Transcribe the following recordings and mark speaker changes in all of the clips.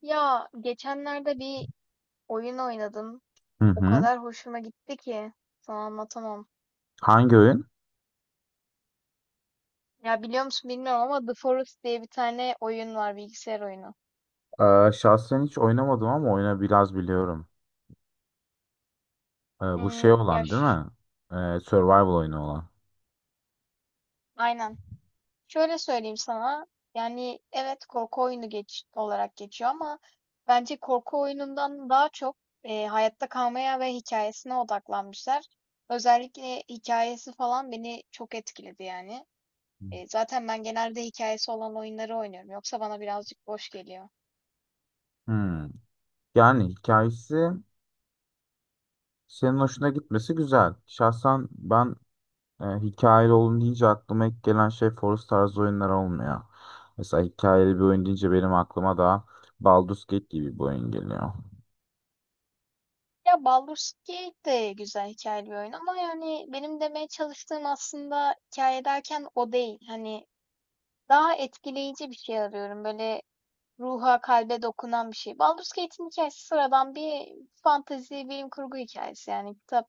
Speaker 1: Ya geçenlerde bir oyun oynadım.
Speaker 2: Hı
Speaker 1: O
Speaker 2: hı.
Speaker 1: kadar hoşuma gitti ki sana anlatamam.
Speaker 2: Hangi oyun?
Speaker 1: Ya biliyor musun bilmiyorum ama The Forest diye bir tane oyun var, bilgisayar oyunu.
Speaker 2: Şahsen hiç oynamadım ama oyunu biraz biliyorum. Bu
Speaker 1: Hmm,
Speaker 2: şey olan değil mi? Survival oyunu olan.
Speaker 1: aynen. Şöyle söyleyeyim sana. Yani evet, korku oyunu geç olarak geçiyor ama bence korku oyunundan daha çok hayatta kalmaya ve hikayesine odaklanmışlar. Özellikle hikayesi falan beni çok etkiledi yani. Zaten ben genelde hikayesi olan oyunları oynuyorum. Yoksa bana birazcık boş geliyor.
Speaker 2: Hmm. Yani hikayesi senin hoşuna gitmesi güzel. Şahsen ben hikayeli olun deyince aklıma ilk gelen şey Forest tarzı oyunlar olmuyor. Mesela hikayeli bir oyun deyince benim aklıma da Baldur's Gate gibi bir oyun geliyor.
Speaker 1: Ya Baldur's Gate de güzel hikayeli bir oyun ama yani benim demeye çalıştığım aslında hikâye derken o değil. Hani daha etkileyici bir şey arıyorum. Böyle ruha, kalbe dokunan bir şey. Baldur's Gate'in hikayesi sıradan bir fantezi, bilim kurgu hikayesi. Yani kitap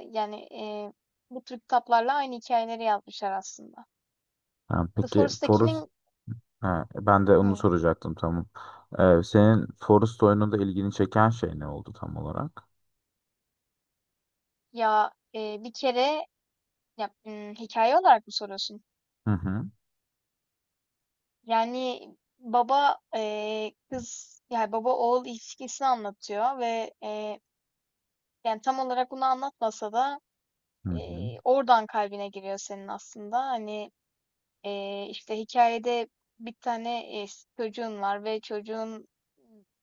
Speaker 1: yani, bu tür kitaplarla aynı hikayeleri yazmışlar aslında.
Speaker 2: Yani
Speaker 1: The
Speaker 2: peki Forest
Speaker 1: Forest'takinin.
Speaker 2: Ha, ben de onu
Speaker 1: Hı.
Speaker 2: soracaktım, tamam. Senin Forest oyununda ilgini çeken şey ne oldu tam olarak?
Speaker 1: Ya, bir kere. Ya, hikâye olarak mı soruyorsun?
Speaker 2: Hı hı.
Speaker 1: Yani, baba, kız, yani, baba oğul ilişkisini anlatıyor ve, yani, tam olarak bunu anlatmasa da,
Speaker 2: Hı hı.
Speaker 1: oradan kalbine giriyor senin aslında. Hani, işte, hikayede bir tane, çocuğun var ve çocuğun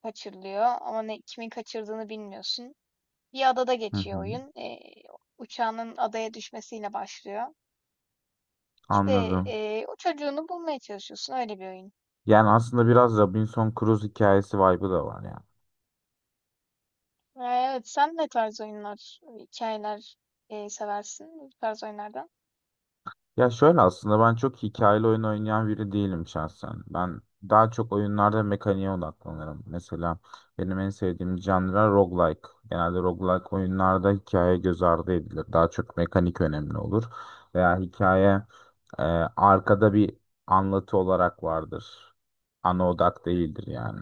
Speaker 1: kaçırılıyor ama ne, kimin kaçırdığını bilmiyorsun. Bir adada
Speaker 2: Hı
Speaker 1: geçiyor
Speaker 2: hı.
Speaker 1: oyun. Uçağının adaya düşmesiyle başlıyor. İşte,
Speaker 2: Anladım.
Speaker 1: o çocuğunu bulmaya çalışıyorsun. Öyle bir oyun.
Speaker 2: Yani aslında biraz Robinson Crusoe hikayesi vibe'ı da var yani.
Speaker 1: Evet, sen ne tarz oyunlar, hikayeler seversin bu tarz oyunlardan?
Speaker 2: Ya şöyle, aslında ben çok hikayeli oyun oynayan biri değilim şahsen. Ben daha çok oyunlarda mekaniğe odaklanırım. Mesela benim en sevdiğim janra roguelike. Genelde roguelike oyunlarda hikaye göz ardı edilir. Daha çok mekanik önemli olur. Veya hikaye e, arkada bir anlatı olarak vardır. Ana odak değildir yani.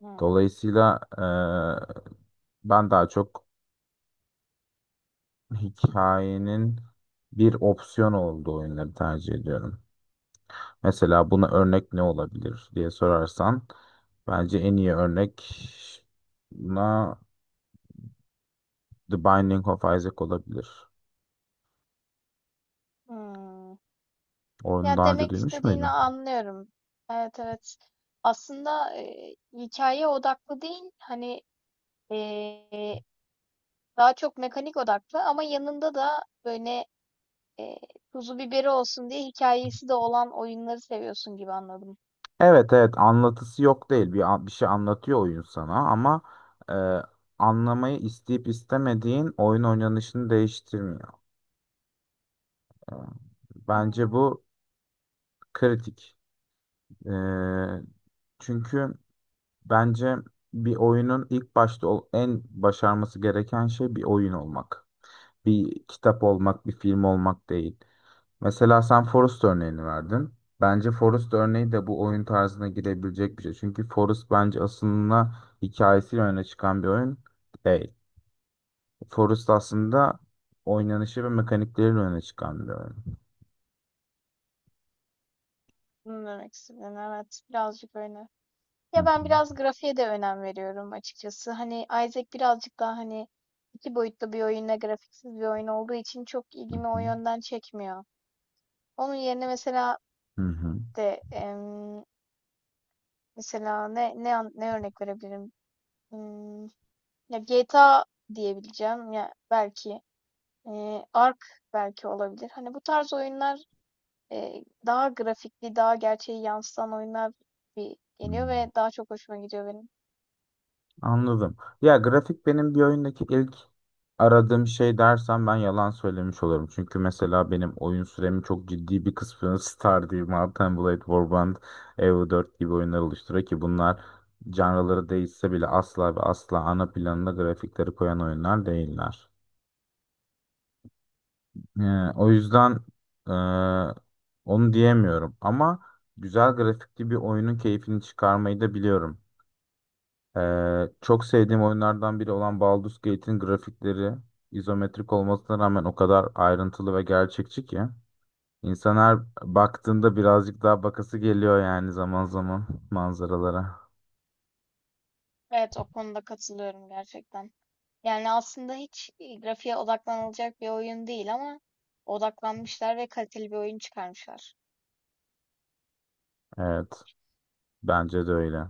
Speaker 1: Hmm,
Speaker 2: Dolayısıyla ben daha çok hikayenin bir opsiyon olduğu oyunları tercih ediyorum. Mesela buna örnek ne olabilir diye sorarsan bence en iyi örnek buna The Binding of Isaac olabilir.
Speaker 1: hmm.
Speaker 2: Onu
Speaker 1: Ya
Speaker 2: daha önce
Speaker 1: demek
Speaker 2: duymuş
Speaker 1: istediğini
Speaker 2: muydun?
Speaker 1: anlıyorum. Evet, evet. Aslında hikaye odaklı değil, hani e, daha çok mekanik odaklı ama yanında da böyle e, tuzu biberi olsun diye hikayesi de olan oyunları seviyorsun gibi anladım.
Speaker 2: Evet, evet, anlatısı yok değil. Bir, bir şey anlatıyor oyun sana, ama e, anlamayı isteyip istemediğin oyun oynanışını değiştirmiyor. E, Bence
Speaker 1: Hmm,
Speaker 2: bu kritik. E, Çünkü bence bir oyunun ilk başta en başarması gereken şey bir oyun olmak. Bir kitap olmak, bir film olmak değil. Mesela sen Forest örneğini verdin. Bence Forest örneği de bu oyun tarzına girebilecek bir şey. Çünkü Forest bence aslında hikayesiyle öne çıkan bir oyun değil. Forest aslında oynanışı ve mekanikleriyle öne çıkan bir oyun.
Speaker 1: bunu demek istediğin evet, birazcık öyle.
Speaker 2: Hı
Speaker 1: Ya ben
Speaker 2: hı,
Speaker 1: biraz grafiğe de önem veriyorum açıkçası. Hani Isaac birazcık daha, hani iki boyutlu bir oyunla grafiksiz bir oyun olduğu için çok
Speaker 2: hı
Speaker 1: ilgimi o
Speaker 2: hı,
Speaker 1: yönden çekmiyor. Onun yerine mesela
Speaker 2: hı hı,
Speaker 1: de em, mesela ne örnek verebilirim? Hmm, ya GTA diyebileceğim, ya belki Ark belki olabilir. Hani bu tarz oyunlar, daha grafikli, daha gerçeği yansıtan oyunlar bir
Speaker 2: hı.
Speaker 1: geliyor ve daha çok hoşuma gidiyor benim.
Speaker 2: Anladım. Ya grafik benim bir oyundaki ilk aradığım şey dersem ben yalan söylemiş olurum. Çünkü mesela benim oyun süremin çok ciddi bir kısmını Stardew, Mount and Blade, Warband, Evo 4 gibi oyunlar oluşturuyor ki bunlar canraları değişse bile asla ve asla ana planına grafikleri koyan oyunlar değiller. O yüzden e, onu diyemiyorum, ama güzel grafikli bir oyunun keyfini çıkarmayı da biliyorum. Çok sevdiğim oyunlardan biri olan Baldur's Gate'in grafikleri izometrik olmasına rağmen o kadar ayrıntılı ve gerçekçi ki insan her baktığında birazcık daha bakası geliyor yani zaman zaman manzaralara.
Speaker 1: Evet, o konuda katılıyorum gerçekten. Yani aslında hiç grafiğe odaklanılacak bir oyun değil ama odaklanmışlar ve kaliteli bir oyun çıkarmışlar.
Speaker 2: Evet, bence de öyle.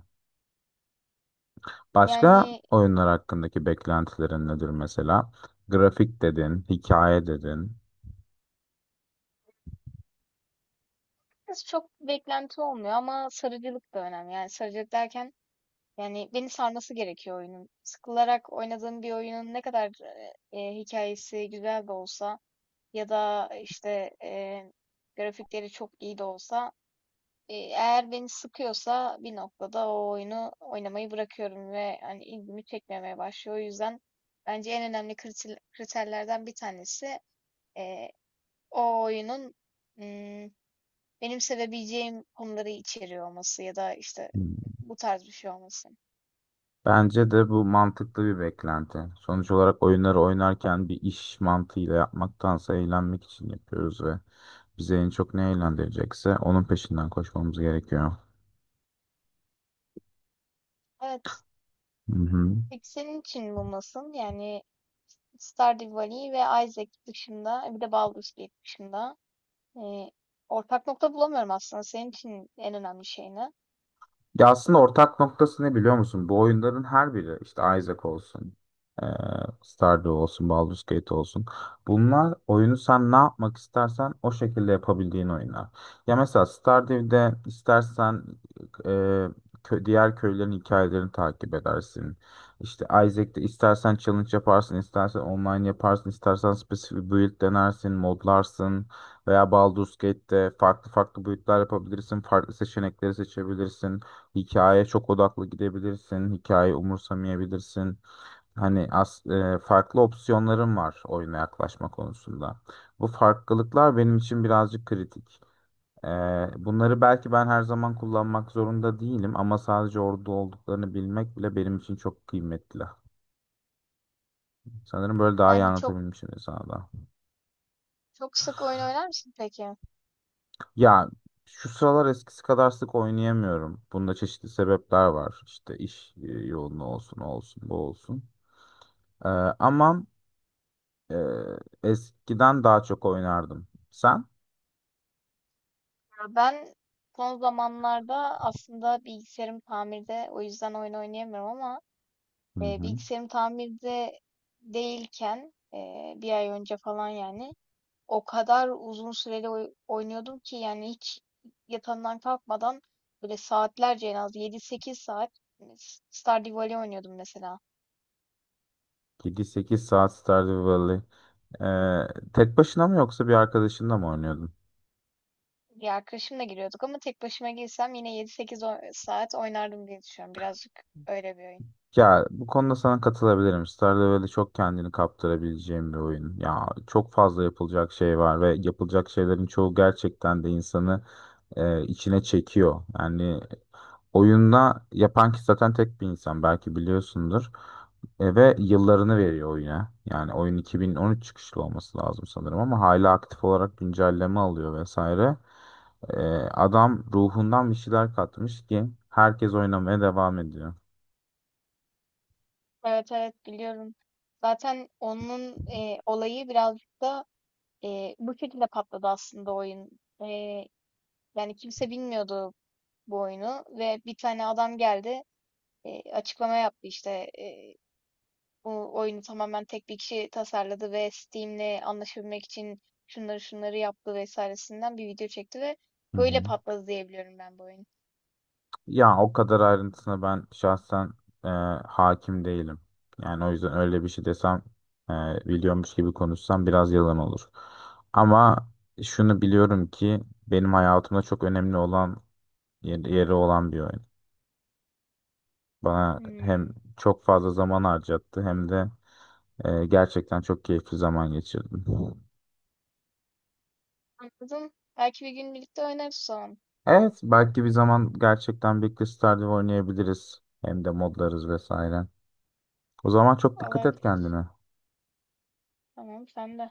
Speaker 2: Başka
Speaker 1: Yani
Speaker 2: oyunlar hakkındaki beklentilerin nedir mesela? Grafik dedin, hikaye dedin.
Speaker 1: biraz çok beklenti olmuyor ama sarıcılık da önemli. Yani sarıcılık derken, yani beni sarması gerekiyor oyunun. Sıkılarak oynadığım bir oyunun ne kadar hikayesi güzel de olsa, ya da işte grafikleri çok iyi de olsa, eğer beni sıkıyorsa bir noktada, o oyunu oynamayı bırakıyorum ve hani ilgimi çekmemeye başlıyor. O yüzden bence en önemli kriterlerden bir tanesi, eee, o oyunun, mm, benim sevebileceğim konuları içeriyor olması ya da işte
Speaker 2: Hmm.
Speaker 1: bu tarz bir şey olması.
Speaker 2: Bence de bu mantıklı bir beklenti. Sonuç olarak oyunları oynarken bir iş mantığıyla yapmaktansa eğlenmek için yapıyoruz ve bizi en çok ne eğlendirecekse onun peşinden koşmamız gerekiyor.
Speaker 1: Evet.
Speaker 2: Hı hı.
Speaker 1: Peki senin için bu nasıl? Yani Stardew Valley ve Isaac dışında, bir de Baldur's Gate dışında, eee, ortak nokta bulamıyorum aslında. Senin için en önemli şey ne?
Speaker 2: Ya aslında ortak noktası ne biliyor musun? Bu oyunların her biri işte Isaac olsun, eee, Stardew olsun, Baldur's Gate olsun. Bunlar oyunu sen ne yapmak istersen o şekilde yapabildiğin oyunlar. Ya mesela Stardew'de istersen eee, diğer köylerin hikayelerini takip edersin. İşte Isaac'te istersen challenge yaparsın, istersen online yaparsın, istersen spesifik build denersin, modlarsın. Veya Baldur's Gate'de farklı farklı build'ler yapabilirsin, farklı seçenekleri seçebilirsin. Hikaye çok odaklı gidebilirsin. Hikaye umursamayabilirsin. Farklı opsiyonların var oyuna yaklaşma konusunda. Bu farklılıklar benim için birazcık kritik. E, Bunları belki ben her zaman kullanmak zorunda değilim, ama sadece orada olduklarını bilmek bile benim için çok kıymetli. Sanırım böyle daha iyi
Speaker 1: Yani çok
Speaker 2: anlatabilmişim sana da.
Speaker 1: Çok sık oyun oynar mısın peki? Ya
Speaker 2: Ya şu sıralar eskisi kadar sık oynayamıyorum. Bunda çeşitli sebepler var. İşte iş yoğunluğu olsun, o olsun, bu olsun. E, ama Ee, Eskiden daha çok oynardım. Sen?
Speaker 1: ben son zamanlarda aslında bilgisayarım tamirde, o yüzden oyun oynayamıyorum ama
Speaker 2: Hı hı.
Speaker 1: bilgisayarım tamirde değilken, bir ay önce falan, yani o kadar uzun süreli oynuyordum ki, yani hiç yatağımdan kalkmadan, böyle saatlerce, en az 7-8 saat, hani, Stardew Valley oynuyordum mesela.
Speaker 2: 7-8 saat Stardew Valley. Tek başına mı yoksa bir arkadaşınla mı oynuyordun?
Speaker 1: Bir arkadaşımla giriyorduk ama tek başıma girsem yine yedi sekiz saat oynardım diye düşünüyorum. Birazcık öyle bir oyun.
Speaker 2: Ya bu konuda sana katılabilirim. Stardew Valley çok kendini kaptırabileceğim bir oyun. Ya çok fazla yapılacak şey var ve yapılacak şeylerin çoğu gerçekten de insanı içine çekiyor. Yani oyunda yapan kişi zaten tek bir insan, belki biliyorsundur. Ve yıllarını veriyor oyuna. Yani oyun 2013 çıkışlı olması lazım sanırım, ama hala aktif olarak güncelleme alıyor vesaire. Adam ruhundan bir şeyler katmış ki herkes oynamaya devam ediyor.
Speaker 1: Evet, evet biliyorum. Zaten onun olayı birazcık da bu şekilde patladı aslında oyun. E, Yani kimse bilmiyordu bu oyunu ve bir tane adam geldi, açıklama yaptı işte, e, bu oyunu tamamen tek bir kişi tasarladı ve Steam'le anlaşabilmek için şunları şunları yaptı vesairesinden bir video çekti ve
Speaker 2: Hı
Speaker 1: böyle
Speaker 2: hı.
Speaker 1: patladı, diyebiliyorum ben bu oyun.
Speaker 2: Ya o kadar ayrıntısına ben şahsen e, hakim değilim. Yani o yüzden öyle bir şey desem e, biliyormuş gibi konuşsam biraz yalan olur. Ama şunu biliyorum ki benim hayatımda çok önemli olan yeri olan bir oyun. Bana hem
Speaker 1: Hmm,
Speaker 2: çok fazla zaman harcattı hem de gerçekten çok keyifli zaman geçirdim.
Speaker 1: anladım. Belki bir gün birlikte oynarız o zaman.
Speaker 2: Evet, belki bir zaman gerçekten Big League Stardew oynayabiliriz. Hem de modlarız vesaire. O zaman çok dikkat et
Speaker 1: Olabilir.
Speaker 2: kendine.
Speaker 1: Tamam, sen de.